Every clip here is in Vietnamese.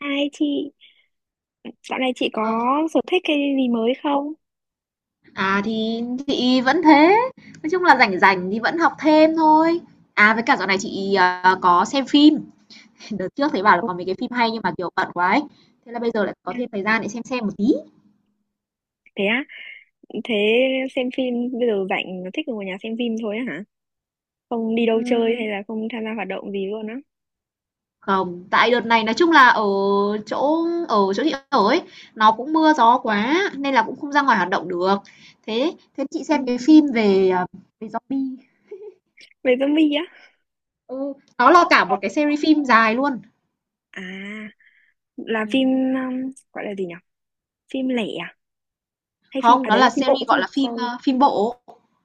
Hai chị, dạo này chị có Ờ, sở thích cái gì mới không? Thì chị vẫn thế, nói chung là rảnh rảnh thì vẫn học thêm thôi. À, với cả dạo này chị, có xem phim, đợt trước thấy bảo là Ồ. có mấy cái phim hay nhưng mà, kiểu, bận quá ấy, thế là bây giờ lại có thêm thời gian để xem một tí. Thế á, thế xem phim bây giờ rảnh thích ngồi nhà xem phim thôi á hả? Không đi đâu chơi hay Ừm, là không tham gia hoạt động gì luôn á? Không, tại đợt này nói chung là ở chỗ chị ở ấy, nó cũng mưa gió quá nên là cũng không ra ngoài hoạt động được. Thế thế chị xem cái Ừm, phim về zombie, về zombie á? ừ, nó là cả một cái series phim dài luôn. À, là phim Ừm. Gọi là gì nhỉ? Phim lẻ à? Hay phim, Không, à nó đấy là là phim bộ series, chứ gọi nhỉ? là, Sorry. Phim bộ,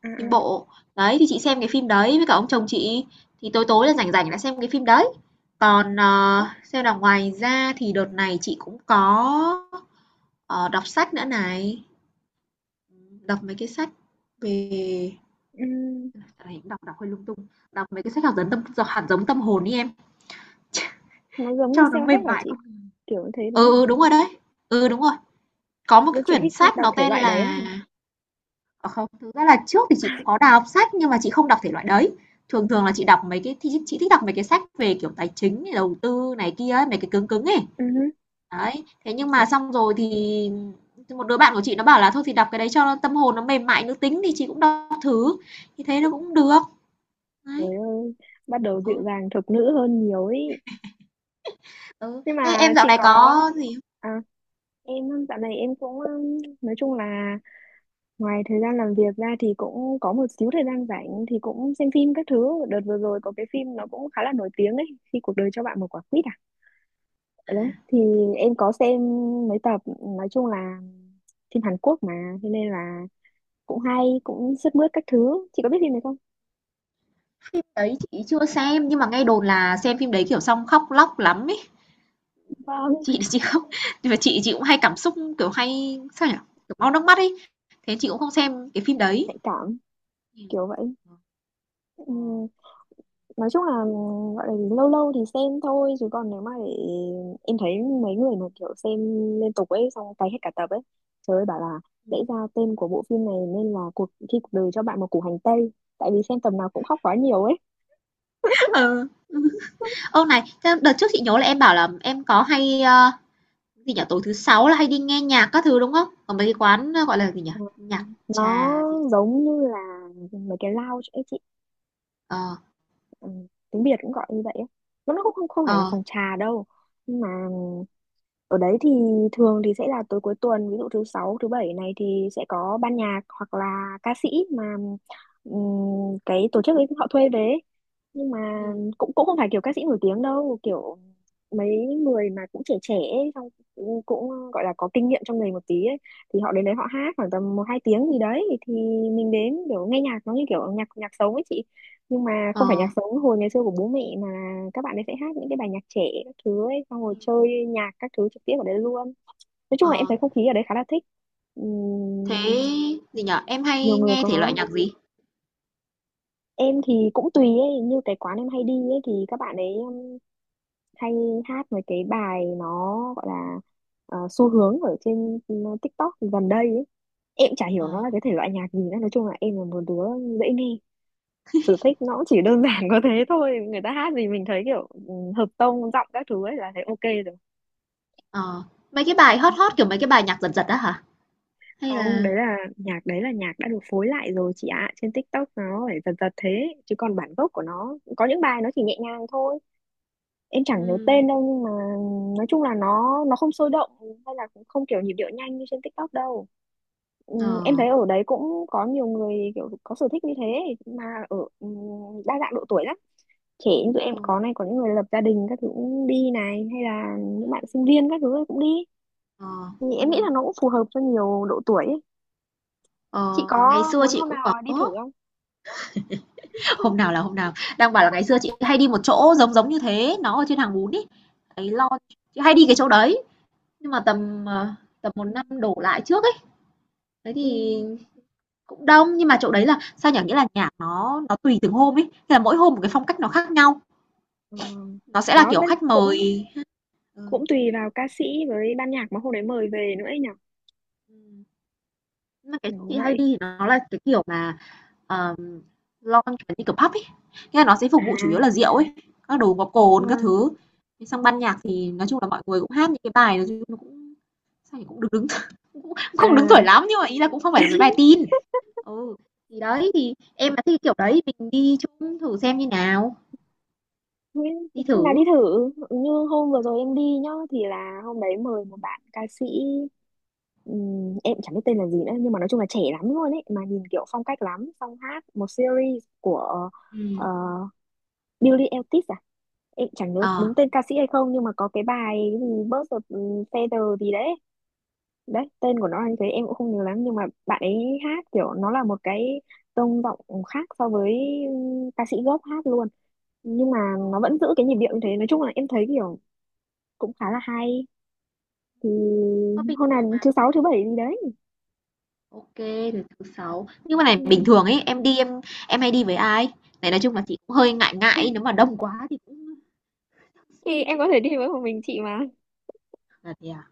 À à, phim bộ. Đấy, thì chị xem cái phim đấy với cả ông chồng chị, thì tối tối là rảnh rảnh là xem cái phim đấy. Còn, đó. Xem là ngoài ra thì đợt này chị cũng có, đọc sách nữa này, đọc mấy cái sách về Ừm, dạo này cũng đọc đọc hơi lung tung, đọc mấy cái sách hạt giống tâm d hạt giống tâm hồn đi em, nó giống như cho nó mềm self-help hả mại chị? con. Kiểu như thế Ừ, đúng không? ừ, đúng rồi đấy. Ừ, đúng rồi. Có một cái Đâu chị quyển thích sách đọc nó thể tên loại đấy á là. hả? À, không, thực ra là trước thì chị cũng có đà đọc sách nhưng mà chị không đọc thể loại đấy. Thường thường là chị đọc mấy cái thì chị thích đọc mấy cái sách về, kiểu, tài chính này, đầu tư này kia ấy, mấy cái cứng cứng ấy. Ừ. Đấy, thế nhưng mà xong rồi thì một đứa bạn của chị nó bảo là thôi thì đọc cái đấy cho tâm hồn nó mềm mại nữ tính thì chị cũng đọc thử, thì thế nó cũng được. Đấy, Trời ơi, bắt đầu dịu ừ, dàng thục nữ hơn nhiều ấy. ừ. Nhưng Thế mà em dạo chị này có có gì không? à, em dạo này em cũng nói chung là ngoài thời gian làm việc ra thì cũng có một xíu thời gian rảnh thì cũng xem phim các thứ. Đợt vừa rồi có cái phim nó cũng khá là nổi tiếng ấy, khi cuộc đời cho bạn một quả quýt à. À, Ở đấy thì em có xem mấy tập, nói chung là phim Hàn Quốc mà, thế nên là cũng hay cũng sướt mướt các thứ. Chị có biết phim này không? phim đấy chị chưa xem nhưng mà nghe đồn là xem phim đấy, kiểu, xong khóc lóc lắm ý. Vâng. Chị không, nhưng mà chị cũng hay cảm xúc, kiểu, hay, sao nhỉ, kiểu, mau nước mắt ấy, thế chị cũng không xem cái phim đấy. Nhạy cảm kiểu vậy. Ờ, ờ. Ừ, nói chung là gọi là gì, lâu lâu thì xem thôi chứ còn nếu mà để em thấy mấy người mà kiểu xem liên tục ấy xong cày hết cả tập ấy, trời ơi bảo là lẽ ra tên của bộ phim này nên là cuộc khi cuộc đời cho bạn một củ hành tây, tại vì xem tập nào cũng khóc quá nhiều ấy. Ừ. Ô, này, thế đợt trước chị nhớ là em bảo là em có hay, gì nhỉ, tối thứ Sáu là hay đi nghe nhạc các thứ, đúng không? Ở mấy cái quán, gọi là gì nhỉ, Ừ. nhạc Nó trà gì. giống như là mấy cái lounge ấy chị, Ờ, ừ, tiếng Việt cũng gọi như vậy ấy. Mà nó cũng không không phải là ờ, phòng trà đâu, nhưng mà ở đấy thì thường thì sẽ là tối cuối tuần, ví dụ thứ sáu, thứ bảy này thì sẽ có ban nhạc hoặc là ca sĩ mà cái tổ chức ấy họ thuê về ấy. Nhưng mà ừm, cũng cũng không phải kiểu ca sĩ nổi tiếng đâu, kiểu mấy người mà cũng trẻ trẻ ấy, xong cũng, cũng gọi là có kinh nghiệm trong nghề một tí ấy, thì họ đến đấy họ hát khoảng tầm một hai tiếng gì đấy thì mình đến kiểu nghe nhạc, nó như kiểu nhạc nhạc sống ấy chị, nhưng mà ờ, không phải nhạc sống hồi ngày xưa của bố mẹ mà là các bạn ấy sẽ hát những cái bài nhạc trẻ các thứ ấy, xong rồi ừm, chơi nhạc các thứ trực tiếp ở đấy luôn. Nói chung ờ. là em thấy không khí ở đấy khá là thích. Ừm, Thế gì nhỉ, em nhiều hay người nghe thể loại có. nhạc gì? Em thì cũng tùy ấy, như cái quán em hay đi ấy thì các bạn ấy hay hát mấy cái bài nó gọi là ờ, xu hướng ở trên TikTok gần đây ấy. Em chả Ờ, hiểu nó là cái thể loại nhạc gì nữa, nói chung là em là một đứa dễ nghe, sở thích nó cũng chỉ đơn giản có thế thôi, người ta hát gì mình thấy kiểu ừ, hợp tông giọng các thứ ấy là thấy ok rồi. ờ, mấy cái bài hot hot, kiểu, mấy cái bài nhạc giật giật á hả? Hay Không, là đấy là nhạc, đấy là nhạc đã được phối lại rồi chị ạ, trên TikTok nó phải giật giật thế chứ còn bản gốc của nó có những bài nó chỉ nhẹ nhàng thôi. Em chẳng nhớ ừm, tên đâu, nhưng mà nói chung là nó không sôi động hay là cũng không kiểu nhịp điệu nhanh như trên TikTok đâu. Ừ, ờ. em thấy ở đấy cũng có nhiều người kiểu có sở thích như thế, mà ở ừ, đa dạng độ tuổi lắm. Trẻ như tụi em Ừ. có này, có những người lập gia đình các thứ cũng đi này, hay là những bạn Ừm, sinh viên các thứ ấy cũng đi, ờ, thì em nghĩ ừm, là nó cũng phù hợp cho nhiều độ tuổi ấy. Chị ờ, ngày có xưa muốn chị hôm cũng có. nào đi thử không? Hôm nào là hôm nào, đang bảo là ngày xưa chị hay đi một chỗ giống giống như thế, nó ở trên Hàng Bún ấy, cái lon, chị hay đi cái chỗ đấy, nhưng mà tầm một Ừ, năm đổ lại trước ấy, thế thì ừ, cũng đông, nhưng mà chỗ đấy là, sao nhỉ, nghĩa là nhạc nó tùy từng hôm ấy, thế là mỗi hôm một cái phong cách nó khác nhau, ờ, nó sẽ là đó kiểu vẫn khách mời. cũng Ừ, cũng tùy vào ca sĩ với ban nhạc mà hôm đấy mời về nữa ấy nhở. ừm, nhưng mà cái chỗ Kiểu chị hay đi vậy. thì nó là cái kiểu mà Ờm, lounge kiểu như kiểu pub ấy, nghĩa là nó sẽ phục vụ chủ yếu là À, rượu ấy, các đồ có cồn các vâng. thứ. Thế xong ban nhạc thì nói chung là mọi người cũng hát những cái bài nói chung nó cũng sao nhỉ, cũng được đứng cũng À không đứng tuổi lắm nhưng mà ý là cũng không phải là mấy bài tin. Ừ, thì đấy, thì em mà thích kiểu đấy mình đi chung thử xem như nào, thế đi cũng hôm nào đi thử. thử, như hôm vừa Ừ. rồi em đi nhá, thì là hôm đấy mời một bạn ca sĩ em chẳng biết tên là gì nữa, nhưng mà nói chung là trẻ lắm luôn ấy, mà nhìn kiểu phong cách lắm, xong hát một series của ờ, Billie Eilish à, em chẳng nhớ Ờ, đúng tên ca sĩ hay không nhưng mà có cái bài cái gì Birds of Feather gì đấy, đấy tên của nó là như thế em cũng không nhớ lắm, nhưng mà bạn ấy hát kiểu nó là một cái tông giọng khác so với ừ, ca sĩ gốc hát luôn, nhưng mà ờ, nó vẫn giữ cái nhịp điệu như thế. Nói chung là em thấy kiểu cũng khá là hay, thì có bình hôm thường nào mà. thứ sáu thứ bảy gì đấy. OK, rồi thứ Sáu. Nhưng mà này Ừ. bình thường ấy, em đi em hay đi với ai? Này nói chung là chị cũng hơi ngại ngại ấy, nếu mà đông quá thì cũng Thì suy em nghĩ. có thể đi với một mình chị mà. À, thế à?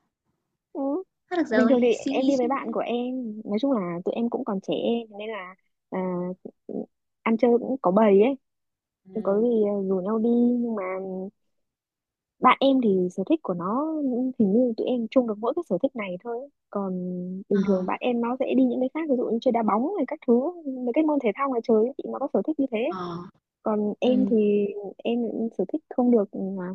Ừ. Thoát được Bình rồi, thường thì suy em nghĩ, đi với suy bạn nghĩ. của em, nói chung là tụi em cũng còn trẻ nên là à, ăn chơi cũng có bầy ấy, có Ừm. gì rủ nhau đi. Nhưng mà bạn em thì sở thích của nó, hình như tụi em chung được mỗi cái sở thích này thôi ấy. Còn Ờ, bình thường bạn em nó sẽ đi những cái khác, ví dụ như chơi đá bóng hay các thứ, mấy cái môn thể thao ngoài trời ấy, chị nó có sở thích như thế. ờ. Còn em Ừm, thì em sở thích không được ừ, mà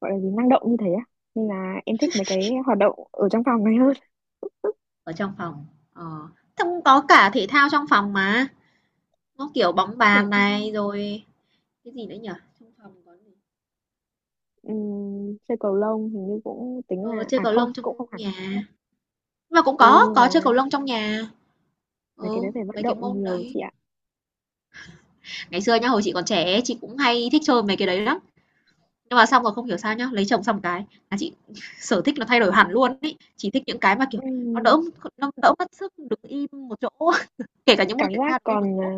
gọi là gì năng động như thế á, nên là em thích mấy cái hoạt động ở trong phòng này hơn. ở trong phòng, ờ. Thế cũng có cả thể thao trong phòng mà, nó, kiểu, bóng Để, bàn này, rồi cái gì nữa nhỉ? Trong phòng có gì? Chơi cầu lông hình như cũng tính Ờ, là chơi à cầu không lông cũng không trong hẳn. nhà. Nhưng mà cũng Ôi có, nhưng có chơi cầu mà lông trong nhà. mấy cái Ừ, đấy phải vận mấy cái động môn nhiều đấy. chị ạ. Ngày xưa nhá, hồi chị còn trẻ ấy, chị cũng hay thích chơi mấy cái đấy lắm. Nhưng mà xong rồi không hiểu sao nhá, lấy chồng xong cái là chị sở thích nó thay đổi hẳn luôn ấy. Chị thích những cái mà, kiểu, nó Ừm, đỡ nó đỡ mất sức đứng im một chỗ. Kể cả những môn cảm thể giác thao đi một còn à, chỗ.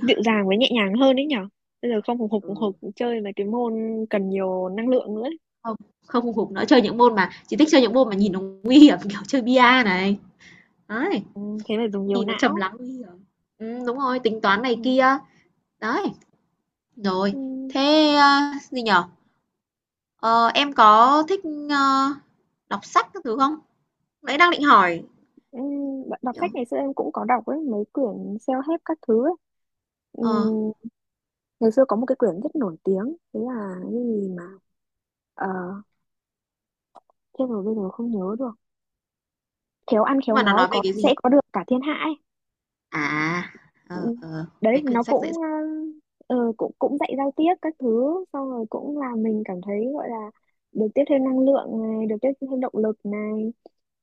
dịu dàng với nhẹ nhàng hơn đấy nhở, bây giờ không hùng hục hùng hục Ừ. chơi mấy cái môn cần nhiều năng lượng nữa ấy. Không, không hùng hục nữa, chơi những môn mà chỉ thích chơi những môn mà nhìn nó nguy hiểm, kiểu, chơi bia này, đấy, Ừ, thế phải dùng nhiều nhìn nó trầm não. lắng nguy hiểm. Đúng rồi, tính toán này Ừ. kia, đấy. Rồi, Ừ. thế, gì nhở. Ờ, em có thích, ơ, đọc sách các thứ không? Nãy đang định hỏi, Ừ. Đ- đọc sách kiểu ngày xưa em cũng có đọc ấy, mấy quyển self-help các thứ ấy. Ừ. ờ, Ngày xưa có một cái quyển rất nổi tiếng, thế là cái gì mà ờ, thế rồi bây giờ không nhớ được. Khéo ăn nhưng khéo mà nó nói nói về có cái sẽ gì? có được cả thiên hạ ấy. À, Ừ, đấy mấy quyển nó sách dễ. cũng ờ, ờ, cũng cũng dạy giao tiếp các thứ, xong rồi cũng làm Ừ, mình cảm thấy gọi là được tiếp thêm năng lượng này, được tiếp thêm động lực này,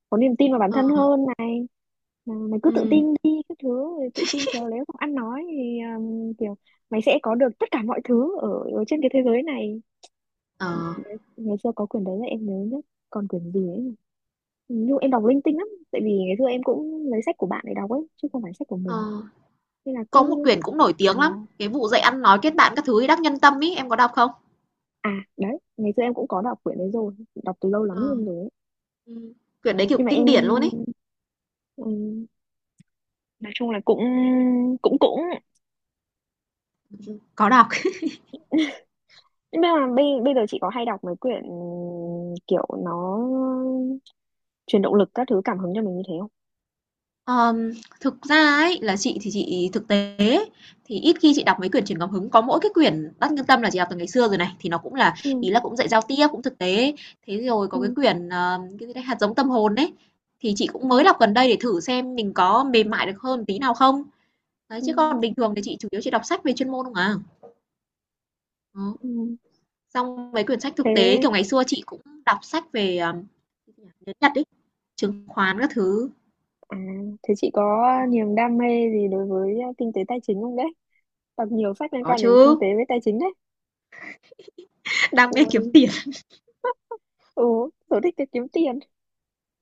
có niềm tin vào bản thân ờ, hơn này, mà mày cứ tự ừm, tin đi các thứ rồi tự tin khéo léo không ăn nói thì kiểu mày sẽ có được tất cả mọi thứ ở, ở trên cái thế giới này. ờ, Đấy, ngày xưa có quyển đấy là em nhớ nhất, còn quyển gì ấy nhỉ? Nhưng em đọc linh tinh lắm, tại vì ngày xưa em cũng lấy sách của bạn để đọc ấy chứ không phải sách của ờ. mình, nên là Có một cứ quyển cũng nổi à. tiếng lắm, cái vụ dạy ăn nói kết bạn các thứ Đắc Nhân Tâm ấy, em có đọc không? À đấy, ngày xưa em cũng có đọc quyển đấy rồi, đọc từ lâu lắm Ờ, luôn rồi ấy. quyển đấy, kiểu, Nhưng mà kinh em điển luôn ấy. ừm, nói chung là cũng cũng cũng, Có đọc. nhưng mà bây bây giờ chị có hay đọc mấy quyển kiểu nó truyền động lực các thứ cảm hứng cho mình như thế không? Ờm, Thực ra ấy, là chị thì chị thực tế thì ít khi chị đọc mấy quyển truyền cảm hứng, có mỗi cái quyển Đắc Nhân Tâm là chị đọc từ ngày xưa rồi này, thì nó cũng là Ừ, ý là cũng dạy giao tiếp, cũng thực tế. Thế rồi có cái ừ, quyển, cái gì đấy, Hạt giống tâm hồn đấy thì chị ừ, cũng mới đọc gần đây để thử xem mình có mềm mại được hơn tí nào không. Đấy, ừ, chứ còn bình thường thì chị chủ yếu chị đọc sách về chuyên môn không à. Ờ. ừ. Xong mấy quyển sách thực tế, Thế kiểu, ngày xưa chị cũng đọc sách về, tiếng Nhật ấy, chứng khoán các thứ. à, thế chị có Ờ, niềm đam mê gì đối với à, kinh tế tài chính không đấy? Đọc nhiều sách liên có quan đến kinh chứ, tế với tài chính đấy. đam mê Ôi, kiếm tiền. ừ, sở thích là kiếm tiền.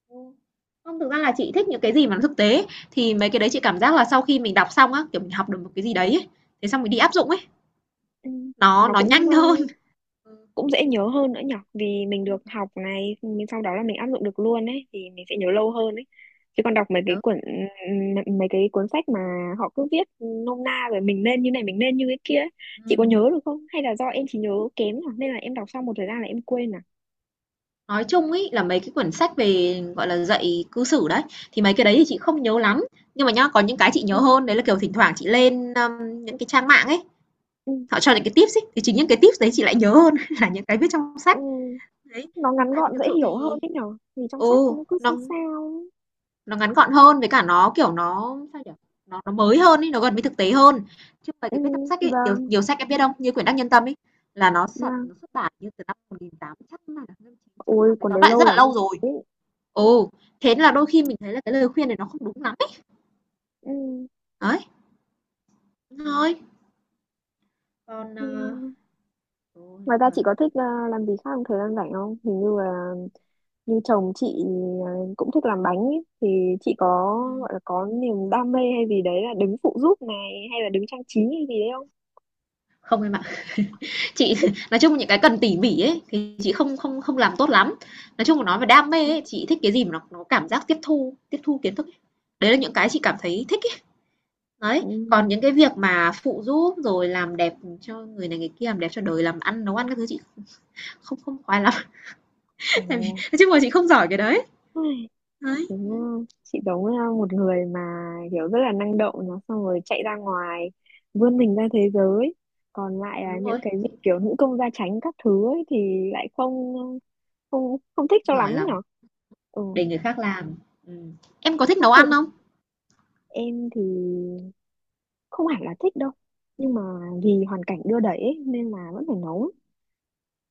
Ừ. Không, thực ra là chị thích những cái gì mà nó thực tế, thì mấy cái đấy chị cảm giác là sau khi mình đọc xong á, kiểu, mình học được một cái gì đấy ấy, thế xong mình đi áp dụng ấy, Ừ. nó Nó nó cũng nhanh ờ, hơn. Ừm, cũng dễ nhớ hơn nữa nhở, vì mình được học này mình sau đó là mình áp dụng được luôn ấy thì mình sẽ nhớ lâu hơn ấy, chứ còn đọc mấy cái đó, quyển m- mấy cái cuốn sách mà họ cứ viết nôm na rồi mình nên như này mình nên như cái kia ấy. Chị có ừm. nhớ được không, hay là do em chỉ nhớ kém nhở nên là em đọc xong một thời gian là em quên? À Nói chung ấy là mấy cái quyển sách về, gọi là, dạy cư xử đấy, thì mấy cái đấy thì chị không nhớ lắm, nhưng mà nhá, có những cái chị ừ, nhớ hơn, đấy là, kiểu, thỉnh thoảng chị lên, những cái trang mạng ấy, ừ, họ cho những cái tips ấy, thì chính những cái tips đấy chị lại nhớ hơn là những cái viết trong ừ. sách. Đấy, Nó ngắn tại vì gọn thực dễ sự hiểu hơn thì ấy nhở, vì trong sách ừ, nó cứ nó sao sao ấy. nó ngắn gọn hơn với cả nó, kiểu, nó sao nhỉ? Nó mới hơn ấy, nó gần với thực tế hơn. Chứ không phải Ừ, cái viết trong sách ấy, nhiều vâng nhiều sách em biết không? Như quyển Đắc Nhân Tâm ấy, là vâng, nó xuất bản như từ năm 18 chắc là năm ôi 1980, cuốn tóm đấy lại lâu rất là lắm. lâu rồi. Ừ, thế là đôi khi mình thấy là cái lời khuyên này nó không đúng lắm ấy. Ừ. Đấy, thôi, còn, Yeah. ừ, Ngoài ra chị có thích ờ, làm gì khác trong thời gian rảnh không? Hình như là như chồng chị ờ, cũng thích làm bánh ấy, thì chị có gọi là có niềm đam mê hay gì đấy là đứng phụ giúp này hay là đứng trang trí hay gì đấy không? không em. Chị nói chung những cái cần tỉ mỉ ấy, thì chị không không không làm tốt lắm. Nói chung mà nói về đam mê ấy, chị thích cái gì mà nó cảm giác tiếp thu kiến thức ấy. Đấy là những cái chị cảm thấy thích ấy. Đấy, Ừ. còn những cái việc mà phụ giúp rồi làm đẹp cho người này người kia, làm đẹp cho đời, làm ăn, nấu ăn các thứ chị không không khoái lắm, Ồ. tại vì nói chung là chị không giỏi cái đấy. Ôi, Đấy, thế nha. Chị giống ờ, một người mà kiểu rất là năng động, nó xong rồi chạy ra ngoài vươn mình ra thế giới, còn lại ừ, là đúng những rồi, cái việc chị thích kiểu thôi. nữ công gia chánh các thứ ấy thì lại không không không thích Không cho lắm giỏi ấy lắm, nhở. Ừ. để người khác làm. Ừm. Em có thích Khác nấu thường, ăn không? em thì không hẳn là thích đâu, nhưng mà vì hoàn cảnh đưa đẩy ấy, nên là vẫn phải nấu.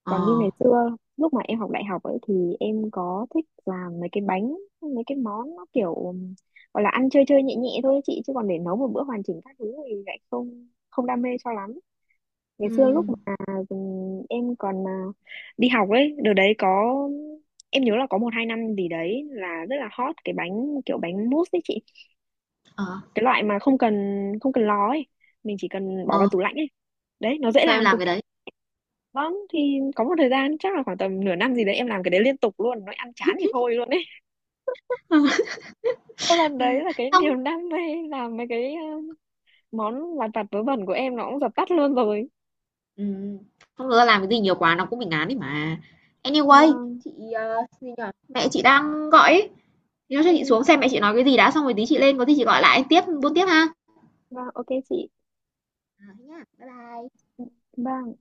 Ờ, Còn như ngày xưa lúc mà em học đại học ấy thì em có thích làm mấy cái bánh mấy cái món nó kiểu gọi là ăn chơi chơi nhẹ nhẹ thôi ấy chị, chứ còn để nấu một bữa hoàn chỉnh các thứ thì lại không không đam mê cho lắm. Ngày xưa lúc ừ mà em còn à, đi học ấy, đợt đấy có em nhớ là có một hai năm gì đấy là rất là hot cái bánh kiểu bánh mousse ấy chị, ờ, cái loại mà không cần lò ấy, mình chỉ cần bỏ vào ờ, tủ lạnh ấy, đấy nó dễ thôi em làm làm cực cái kỳ. đấy. Vâng, thì có một thời gian chắc là khoảng tầm nửa năm gì đấy em làm cái đấy liên tục luôn, nó ăn chán thì thôi luôn ấy. Có lần đấy Ừ, là cái không. niềm đam mê làm mấy cái ờ, món lặt vặt vớ vẩn của em nó cũng dập tắt luôn rồi. Ừm, Không, thực ra làm cái gì nhiều quá nó cũng bị ngán ấy mà. Vâng. Anyway, Vâng, chị, gì nhỉ? Mẹ chị đang gọi ấy, thế thôi chắc ừ, chị xuống xem mẹ chị nói cái gì đã xong rồi tí chị lên có gì chị gọi lại tiếp buôn tiếp ha. vâng, ok chị. Ờ, thế nhá. Bye bye. Ừ, bye.